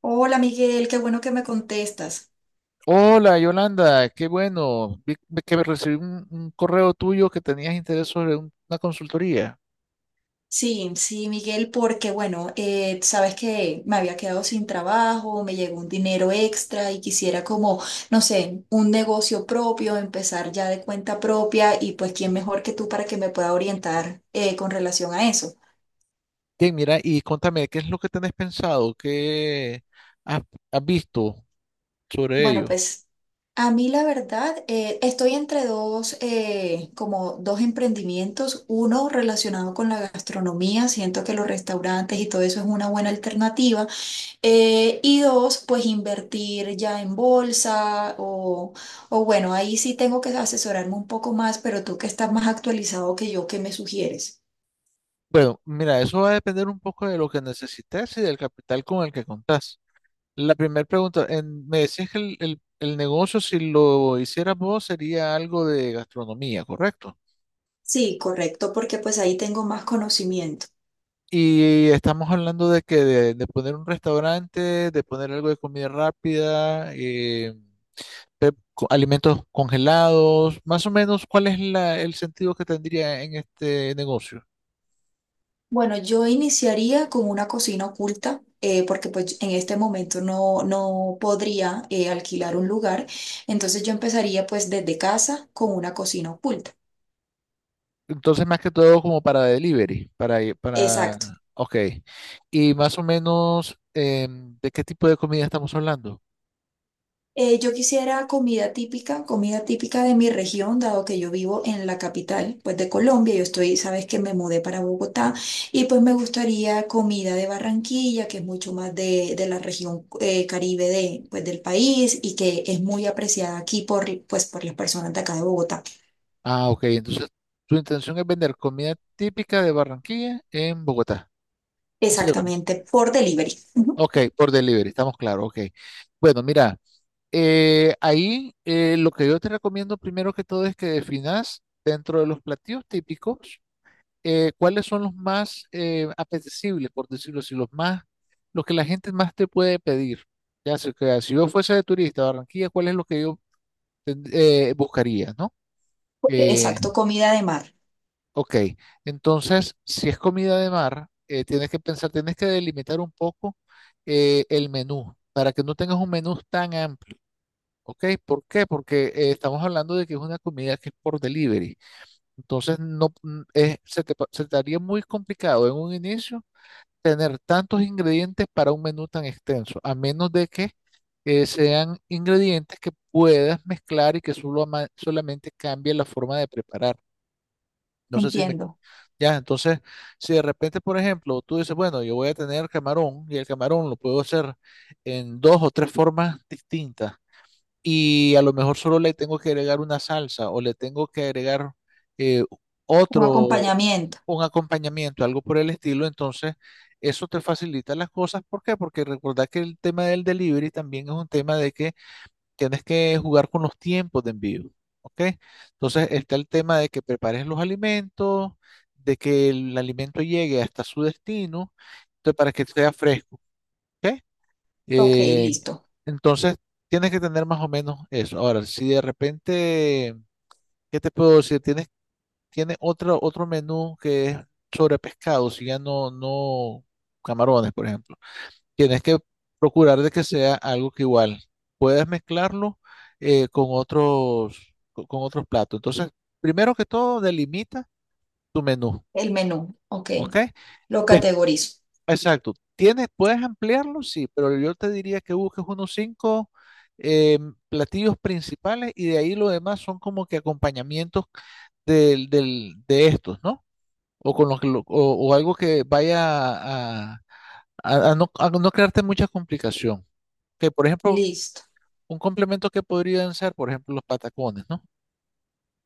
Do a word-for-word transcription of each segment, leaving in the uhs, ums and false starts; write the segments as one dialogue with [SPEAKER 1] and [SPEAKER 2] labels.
[SPEAKER 1] Hola Miguel, qué bueno que me contestas.
[SPEAKER 2] Hola Yolanda, qué bueno. Vi vi que recibí un, un correo tuyo que tenías interés sobre un- una consultoría.
[SPEAKER 1] Sí, sí, Miguel, porque bueno, eh, sabes que me había quedado sin trabajo, me llegó un dinero extra y quisiera como, no sé, un negocio propio, empezar ya de cuenta propia y pues quién mejor que tú para que me pueda orientar eh, con relación a eso.
[SPEAKER 2] Bien, mira, y contame, ¿qué es lo que tenés pensado? ¿Qué has, has visto sobre
[SPEAKER 1] Bueno,
[SPEAKER 2] ello?
[SPEAKER 1] pues a mí la verdad, eh, estoy entre dos, eh, como dos emprendimientos, uno relacionado con la gastronomía, siento que los restaurantes y todo eso es una buena alternativa. Eh, y dos, pues invertir ya en bolsa o, o bueno, ahí sí tengo que asesorarme un poco más, pero tú que estás más actualizado que yo, ¿qué me sugieres?
[SPEAKER 2] Bueno, mira, eso va a depender un poco de lo que necesites y del capital con el que contás. La primera pregunta, en- me decías que el, el el negocio, si lo hicieras vos, sería algo de gastronomía, ¿correcto?
[SPEAKER 1] Sí, correcto, porque pues ahí tengo más conocimiento.
[SPEAKER 2] Y estamos hablando de que de, de poner un restaurante, de poner algo de comida rápida, eh, pe- co- alimentos congelados, más o menos cuál es la- el sentido que tendría en este negocio.
[SPEAKER 1] Bueno, yo iniciaría con una cocina oculta, eh, porque pues en este momento no, no podría eh, alquilar un lugar, entonces yo empezaría pues desde casa con una cocina oculta.
[SPEAKER 2] Entonces, más que todo como para delivery, para, i- para,
[SPEAKER 1] Exacto.
[SPEAKER 2] ok. Y más o menos, em, ¿de qué tipo de comida estamos hablando?
[SPEAKER 1] Eh, yo quisiera comida típica, comida típica de mi región, dado que yo vivo en la capital, pues de Colombia. Yo estoy, sabes que me mudé para Bogotá y pues me gustaría comida de Barranquilla, que es mucho más de, de la región eh, Caribe de, pues, del país y que es muy apreciada aquí por, pues, por las personas de acá de Bogotá.
[SPEAKER 2] Ah, ok. Entonces, tu intención es vender comida típica de Barranquilla en Bogotá. Así es.
[SPEAKER 1] Exactamente, por delivery. Ujú.
[SPEAKER 2] Ok, por delivery, estamos claros, ok. Bueno, mira, eh, ahí eh, lo que yo te recomiendo primero que todo es que definas dentro de los platillos típicos eh, cuáles son los más eh, apetecibles, por decirlo así, los más, los que la gente más te puede pedir. Ya sé que si yo fuese de turista a Barranquilla, ¿cuál es lo que yo ten- eh, buscaría, ¿no? Eh,
[SPEAKER 1] Exacto, comida de mar.
[SPEAKER 2] Ok, entonces, si es comida de mar, eh, tienes que pensar, tienes que delimitar un poco eh, el menú para que no tengas un menú tan amplio. Ok, ¿por qué? Porque eh, estamos hablando de que es una comida que es por delivery. Entonces, no, mm, es- se te, pa- se te haría muy complicado en un inicio tener tantos ingredientes para un menú tan extenso, a menos de que eh, sean ingredientes que puedas mezclar y que solo ama- solamente cambie la forma de preparar. No sé si me
[SPEAKER 1] Entiendo.
[SPEAKER 2] ya, entonces, si de repente, por ejemplo, tú dices, bueno, yo voy a tener camarón y el camarón lo puedo hacer en dos o tres formas distintas y a lo mejor solo le tengo que agregar una salsa o le tengo que agregar eh,
[SPEAKER 1] Un
[SPEAKER 2] otro,
[SPEAKER 1] acompañamiento.
[SPEAKER 2] un acompañamiento, algo por el estilo, entonces eso te facilita las cosas. ¿Por qué? Porque recordad que el tema del delivery también es un tema de que tienes que jugar con los tiempos de envío, ¿ok? Entonces está el tema de que prepares los alimentos, de que el alimento llegue hasta su destino, entonces, para que sea fresco, ¿ok?
[SPEAKER 1] Ok,
[SPEAKER 2] Eh,
[SPEAKER 1] listo.
[SPEAKER 2] entonces tienes que tener más o menos eso. Ahora, si de repente, ¿qué te puedo decir? Tienes, tiene otro, otro menú que es sobre pescado, si ya no, no camarones, por ejemplo. Tienes que procurar de que sea algo que igual puedas mezclarlo eh, con otros, co- con otros platos. Entonces, primero que todo, delimita tu menú,
[SPEAKER 1] El menú. Ok,
[SPEAKER 2] ¿ok?
[SPEAKER 1] lo
[SPEAKER 2] Des-
[SPEAKER 1] categorizo.
[SPEAKER 2] exacto. Tienes, puedes ampliarlo, sí, pero yo te diría que busques unos cinco eh, platillos principales y de ahí lo demás son como que acompañamientos del, del, de estos, ¿no? O con los que lo- o, o algo que vaya a, a- a no, a no crearte mucha complicación. Que, por ejemplo,
[SPEAKER 1] Listo.
[SPEAKER 2] un complemento que podrían ser, por ejemplo, los patacones, ¿no?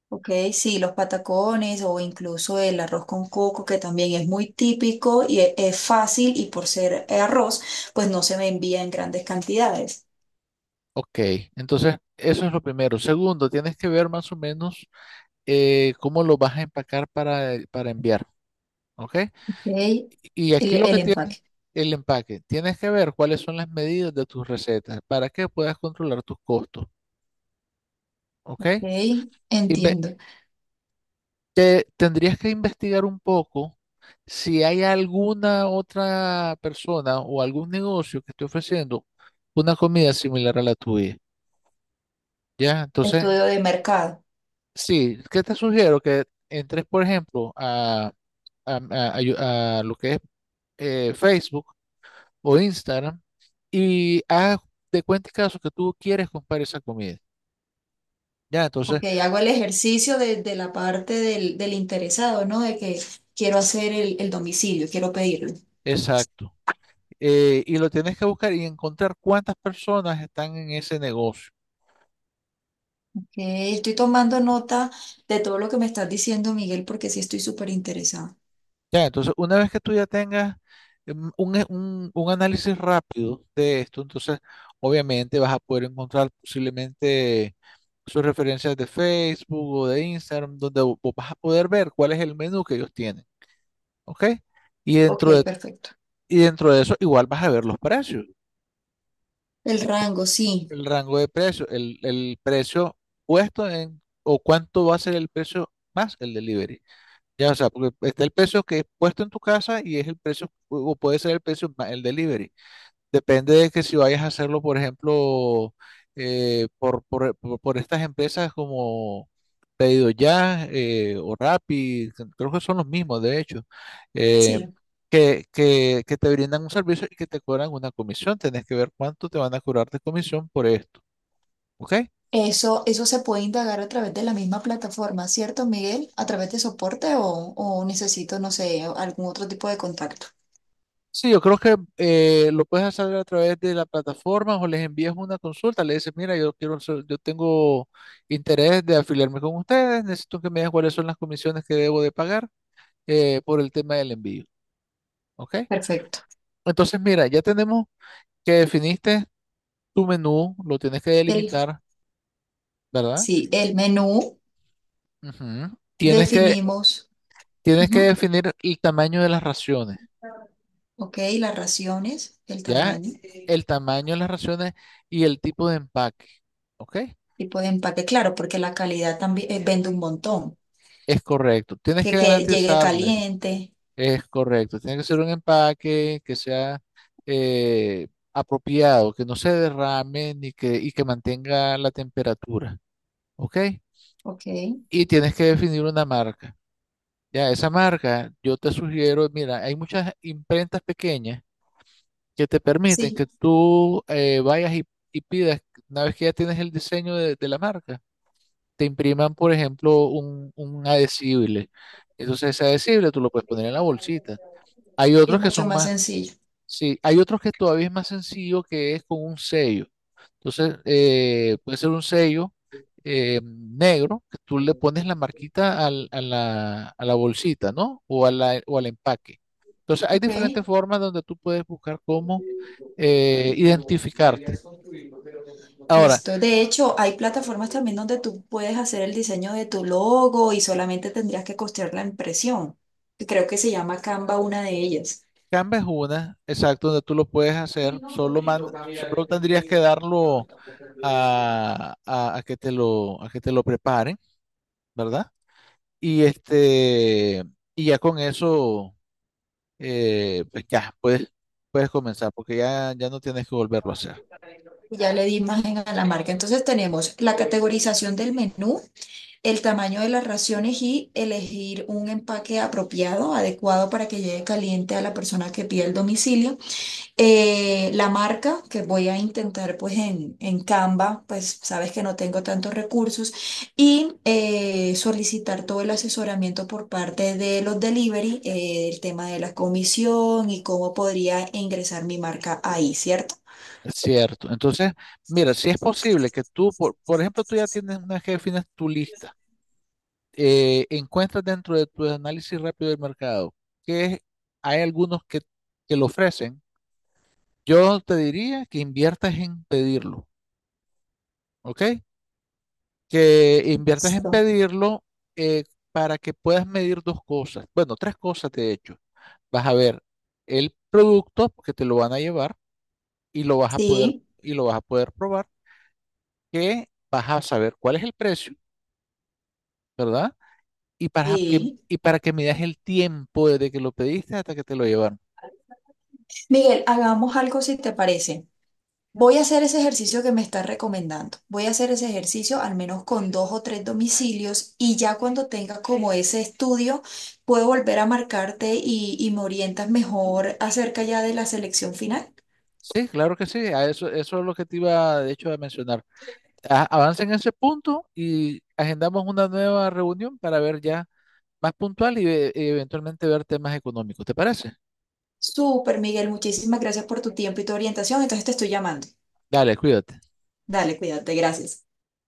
[SPEAKER 1] Ok, sí, los patacones o incluso el arroz con coco, que también es muy típico y e- es fácil y por ser arroz, pues no se me envía en grandes cantidades.
[SPEAKER 2] Ok, entonces eso es lo primero. Segundo, tienes que ver más o menos eh, cómo lo vas a empacar para, eh, para enviar, ¿ok?
[SPEAKER 1] Ok,
[SPEAKER 2] Y
[SPEAKER 1] el,
[SPEAKER 2] aquí lo que
[SPEAKER 1] el
[SPEAKER 2] tienes,
[SPEAKER 1] empaque.
[SPEAKER 2] el empaque, tienes que ver cuáles son las medidas de tus recetas para que puedas controlar tus costos, ¿ok?
[SPEAKER 1] Ok,
[SPEAKER 2] Inve-
[SPEAKER 1] entiendo.
[SPEAKER 2] te- tendrías que investigar un poco si hay alguna otra persona o algún negocio que esté ofreciendo una comida similar a la tuya. ¿Ya? Entonces,
[SPEAKER 1] Estudio de mercado.
[SPEAKER 2] sí, ¿qué te sugiero? Que entres, por ejemplo, a, a- a- a yo- a lo que es eh, Facebook o Instagram y haz de cuenta y caso que tú quieres comprar esa comida. Ya, entonces,
[SPEAKER 1] Ok, hago el ejercicio de, de la parte del, del interesado, ¿no? De que quiero hacer el, el domicilio, quiero pedirlo.
[SPEAKER 2] exacto. Eh, y lo tienes que buscar y encontrar cuántas personas están en ese negocio.
[SPEAKER 1] Ok, estoy tomando nota de todo lo que me estás diciendo, Miguel, porque sí estoy súper interesada.
[SPEAKER 2] Ya, entonces, una vez que tú ya tengas mm, un, e- un un análisis rápido de esto, entonces, obviamente vas a poder encontrar posiblemente sus referencias de Facebook o de Instagram, donde vo- vos vas a poder ver cuál es el menú que ellos tienen, ¿ok? Y
[SPEAKER 1] Ok,
[SPEAKER 2] dentro de,
[SPEAKER 1] perfecto.
[SPEAKER 2] y dentro de eso igual vas a ver los precios,
[SPEAKER 1] El rango, sí.
[SPEAKER 2] el rango de precios, el, el precio puesto en, o cuánto va a ser el precio más el delivery. Ya, o sea, porque está el precio que es puesto en tu casa y es el precio, o puede ser el precio más el delivery. Depende de que si vayas a hacerlo, por ejemplo, eh, por, por- por- por estas empresas como Pedido Ya eh, o Rappi, que creo que son los mismos, de hecho, eh,
[SPEAKER 1] Sí.
[SPEAKER 2] que, que- que te brindan un servicio y que te cobran una comisión. Tenés que ver cuánto te van a cobrar de comisión por esto, ¿ok?
[SPEAKER 1] Eso, eso se puede indagar a través de la misma plataforma, ¿cierto, Miguel? ¿A través de soporte o, o necesito, no sé, algún otro tipo de contacto?
[SPEAKER 2] Sí, yo creo que eh, lo puedes hacer a través de la plataforma o les envías una consulta, le dices, mira, yo quiero, ser- yo tengo interés de afiliarme con ustedes, necesito que me digan cuáles son las comisiones que debo de pagar eh, por el tema del envío, ¿ok?
[SPEAKER 1] Perfecto.
[SPEAKER 2] Entonces, mira, ya tenemos que definiste tu menú, lo tienes que
[SPEAKER 1] El,
[SPEAKER 2] delimitar, ¿verdad?
[SPEAKER 1] sí, el menú
[SPEAKER 2] Ujú. Tienes que,
[SPEAKER 1] definimos,
[SPEAKER 2] tienes que
[SPEAKER 1] ujú,
[SPEAKER 2] definir el tamaño de las raciones,
[SPEAKER 1] ok, las raciones, el
[SPEAKER 2] ¿ya?
[SPEAKER 1] tamaño,
[SPEAKER 2] El tamaño de las raciones y el tipo de empaque, ¿ok?
[SPEAKER 1] tipo de empaque, claro, porque la calidad también eh, vende un montón.
[SPEAKER 2] Es correcto, tienes
[SPEAKER 1] Que,
[SPEAKER 2] que
[SPEAKER 1] que llegue
[SPEAKER 2] garantizarle,
[SPEAKER 1] caliente,
[SPEAKER 2] es correcto, tiene que ser un empaque que sea eh, apropiado, que no se derrame ni que, y que mantenga la temperatura, ¿ok?
[SPEAKER 1] ok,
[SPEAKER 2] Y tienes que definir una marca. Ya, esa marca, yo te sugiero, mira, hay muchas imprentas pequeñas que te permiten
[SPEAKER 1] sí,
[SPEAKER 2] que tú eh, vayas y, y pidas, una vez que ya tienes el diseño de, de la marca, te impriman, por ejemplo, un, un adhesible. Entonces ese adhesible tú lo puedes poner en la bolsita. Hay
[SPEAKER 1] y es
[SPEAKER 2] otros que
[SPEAKER 1] mucho
[SPEAKER 2] son
[SPEAKER 1] más
[SPEAKER 2] más,
[SPEAKER 1] sencillo,
[SPEAKER 2] sí, hay otros que todavía es más sencillo que es con un sello. Entonces, eh, puede ser un sello eh, negro que tú le pones la marquita al- a la, a la bolsita, ¿no? O, a la- o al empaque. Entonces, hay
[SPEAKER 1] ok.
[SPEAKER 2] diferentes formas donde tú puedes buscar cómo eh, identificarte. Ahora,
[SPEAKER 1] Listo. De hecho, hay plataformas también donde tú puedes hacer el diseño de tu logo y solamente tendrías que costear la impresión. Creo que se llama Canva, una de ellas.
[SPEAKER 2] Canva es una, exacto, donde tú lo puedes hacer, solo, man- solo tendrías que darlo a, a- a que te lo, a que te lo preparen, ¿verdad? Y este, y ya con eso, eh, pues ya puedes, puedes comenzar, porque ya, ya no tienes que volverlo a hacer.
[SPEAKER 1] Ya le di imagen a la marca. Entonces tenemos la categorización del menú, el tamaño de las raciones y elegir un empaque apropiado, adecuado para que llegue caliente a la persona que pide el domicilio. Eh, la marca que voy a intentar pues en, en Canva, pues sabes que no tengo tantos recursos y eh, solicitar todo el asesoramiento por parte de los delivery, eh, el tema de la comisión y cómo podría ingresar mi marca ahí, ¿cierto?
[SPEAKER 2] Es cierto. Entonces, mira, si es posible que tú, por, por ejemplo, tú ya tienes una vez que defines tu lista, eh, encuentras dentro de tu análisis rápido del mercado que hay algunos que, que lo ofrecen, yo te diría que inviertas en pedirlo, ¿ok? Que inviertas en
[SPEAKER 1] Listo.
[SPEAKER 2] pedirlo eh, para que puedas medir dos cosas. Bueno, tres cosas de hecho. Vas a ver el producto que te lo van a llevar y lo vas a poder
[SPEAKER 1] Sí,
[SPEAKER 2] y lo vas a poder probar, que vas a saber cuál es el precio, ¿verdad? Y para que
[SPEAKER 1] sí.
[SPEAKER 2] y para que midas el tiempo desde que lo pediste hasta que te lo llevaron.
[SPEAKER 1] Miguel, hagamos algo si te parece. Voy a hacer ese ejercicio que me estás recomendando. Voy a hacer ese ejercicio al menos con dos o tres domicilios y ya cuando tenga como ese estudio, puedo volver a marcarte y, y me orientas mejor acerca ya de la selección final.
[SPEAKER 2] Sí, claro que sí, a eso, eso es lo que te iba de hecho a mencionar. A- avanza en ese punto y agendamos una nueva reunión para ver ya más puntual y ve- eventualmente ver temas económicos. ¿Te parece?
[SPEAKER 1] Súper, Miguel, muchísimas gracias por tu tiempo y tu orientación. Entonces te estoy llamando.
[SPEAKER 2] Dale, cuídate.
[SPEAKER 1] Dale, cuídate, gracias.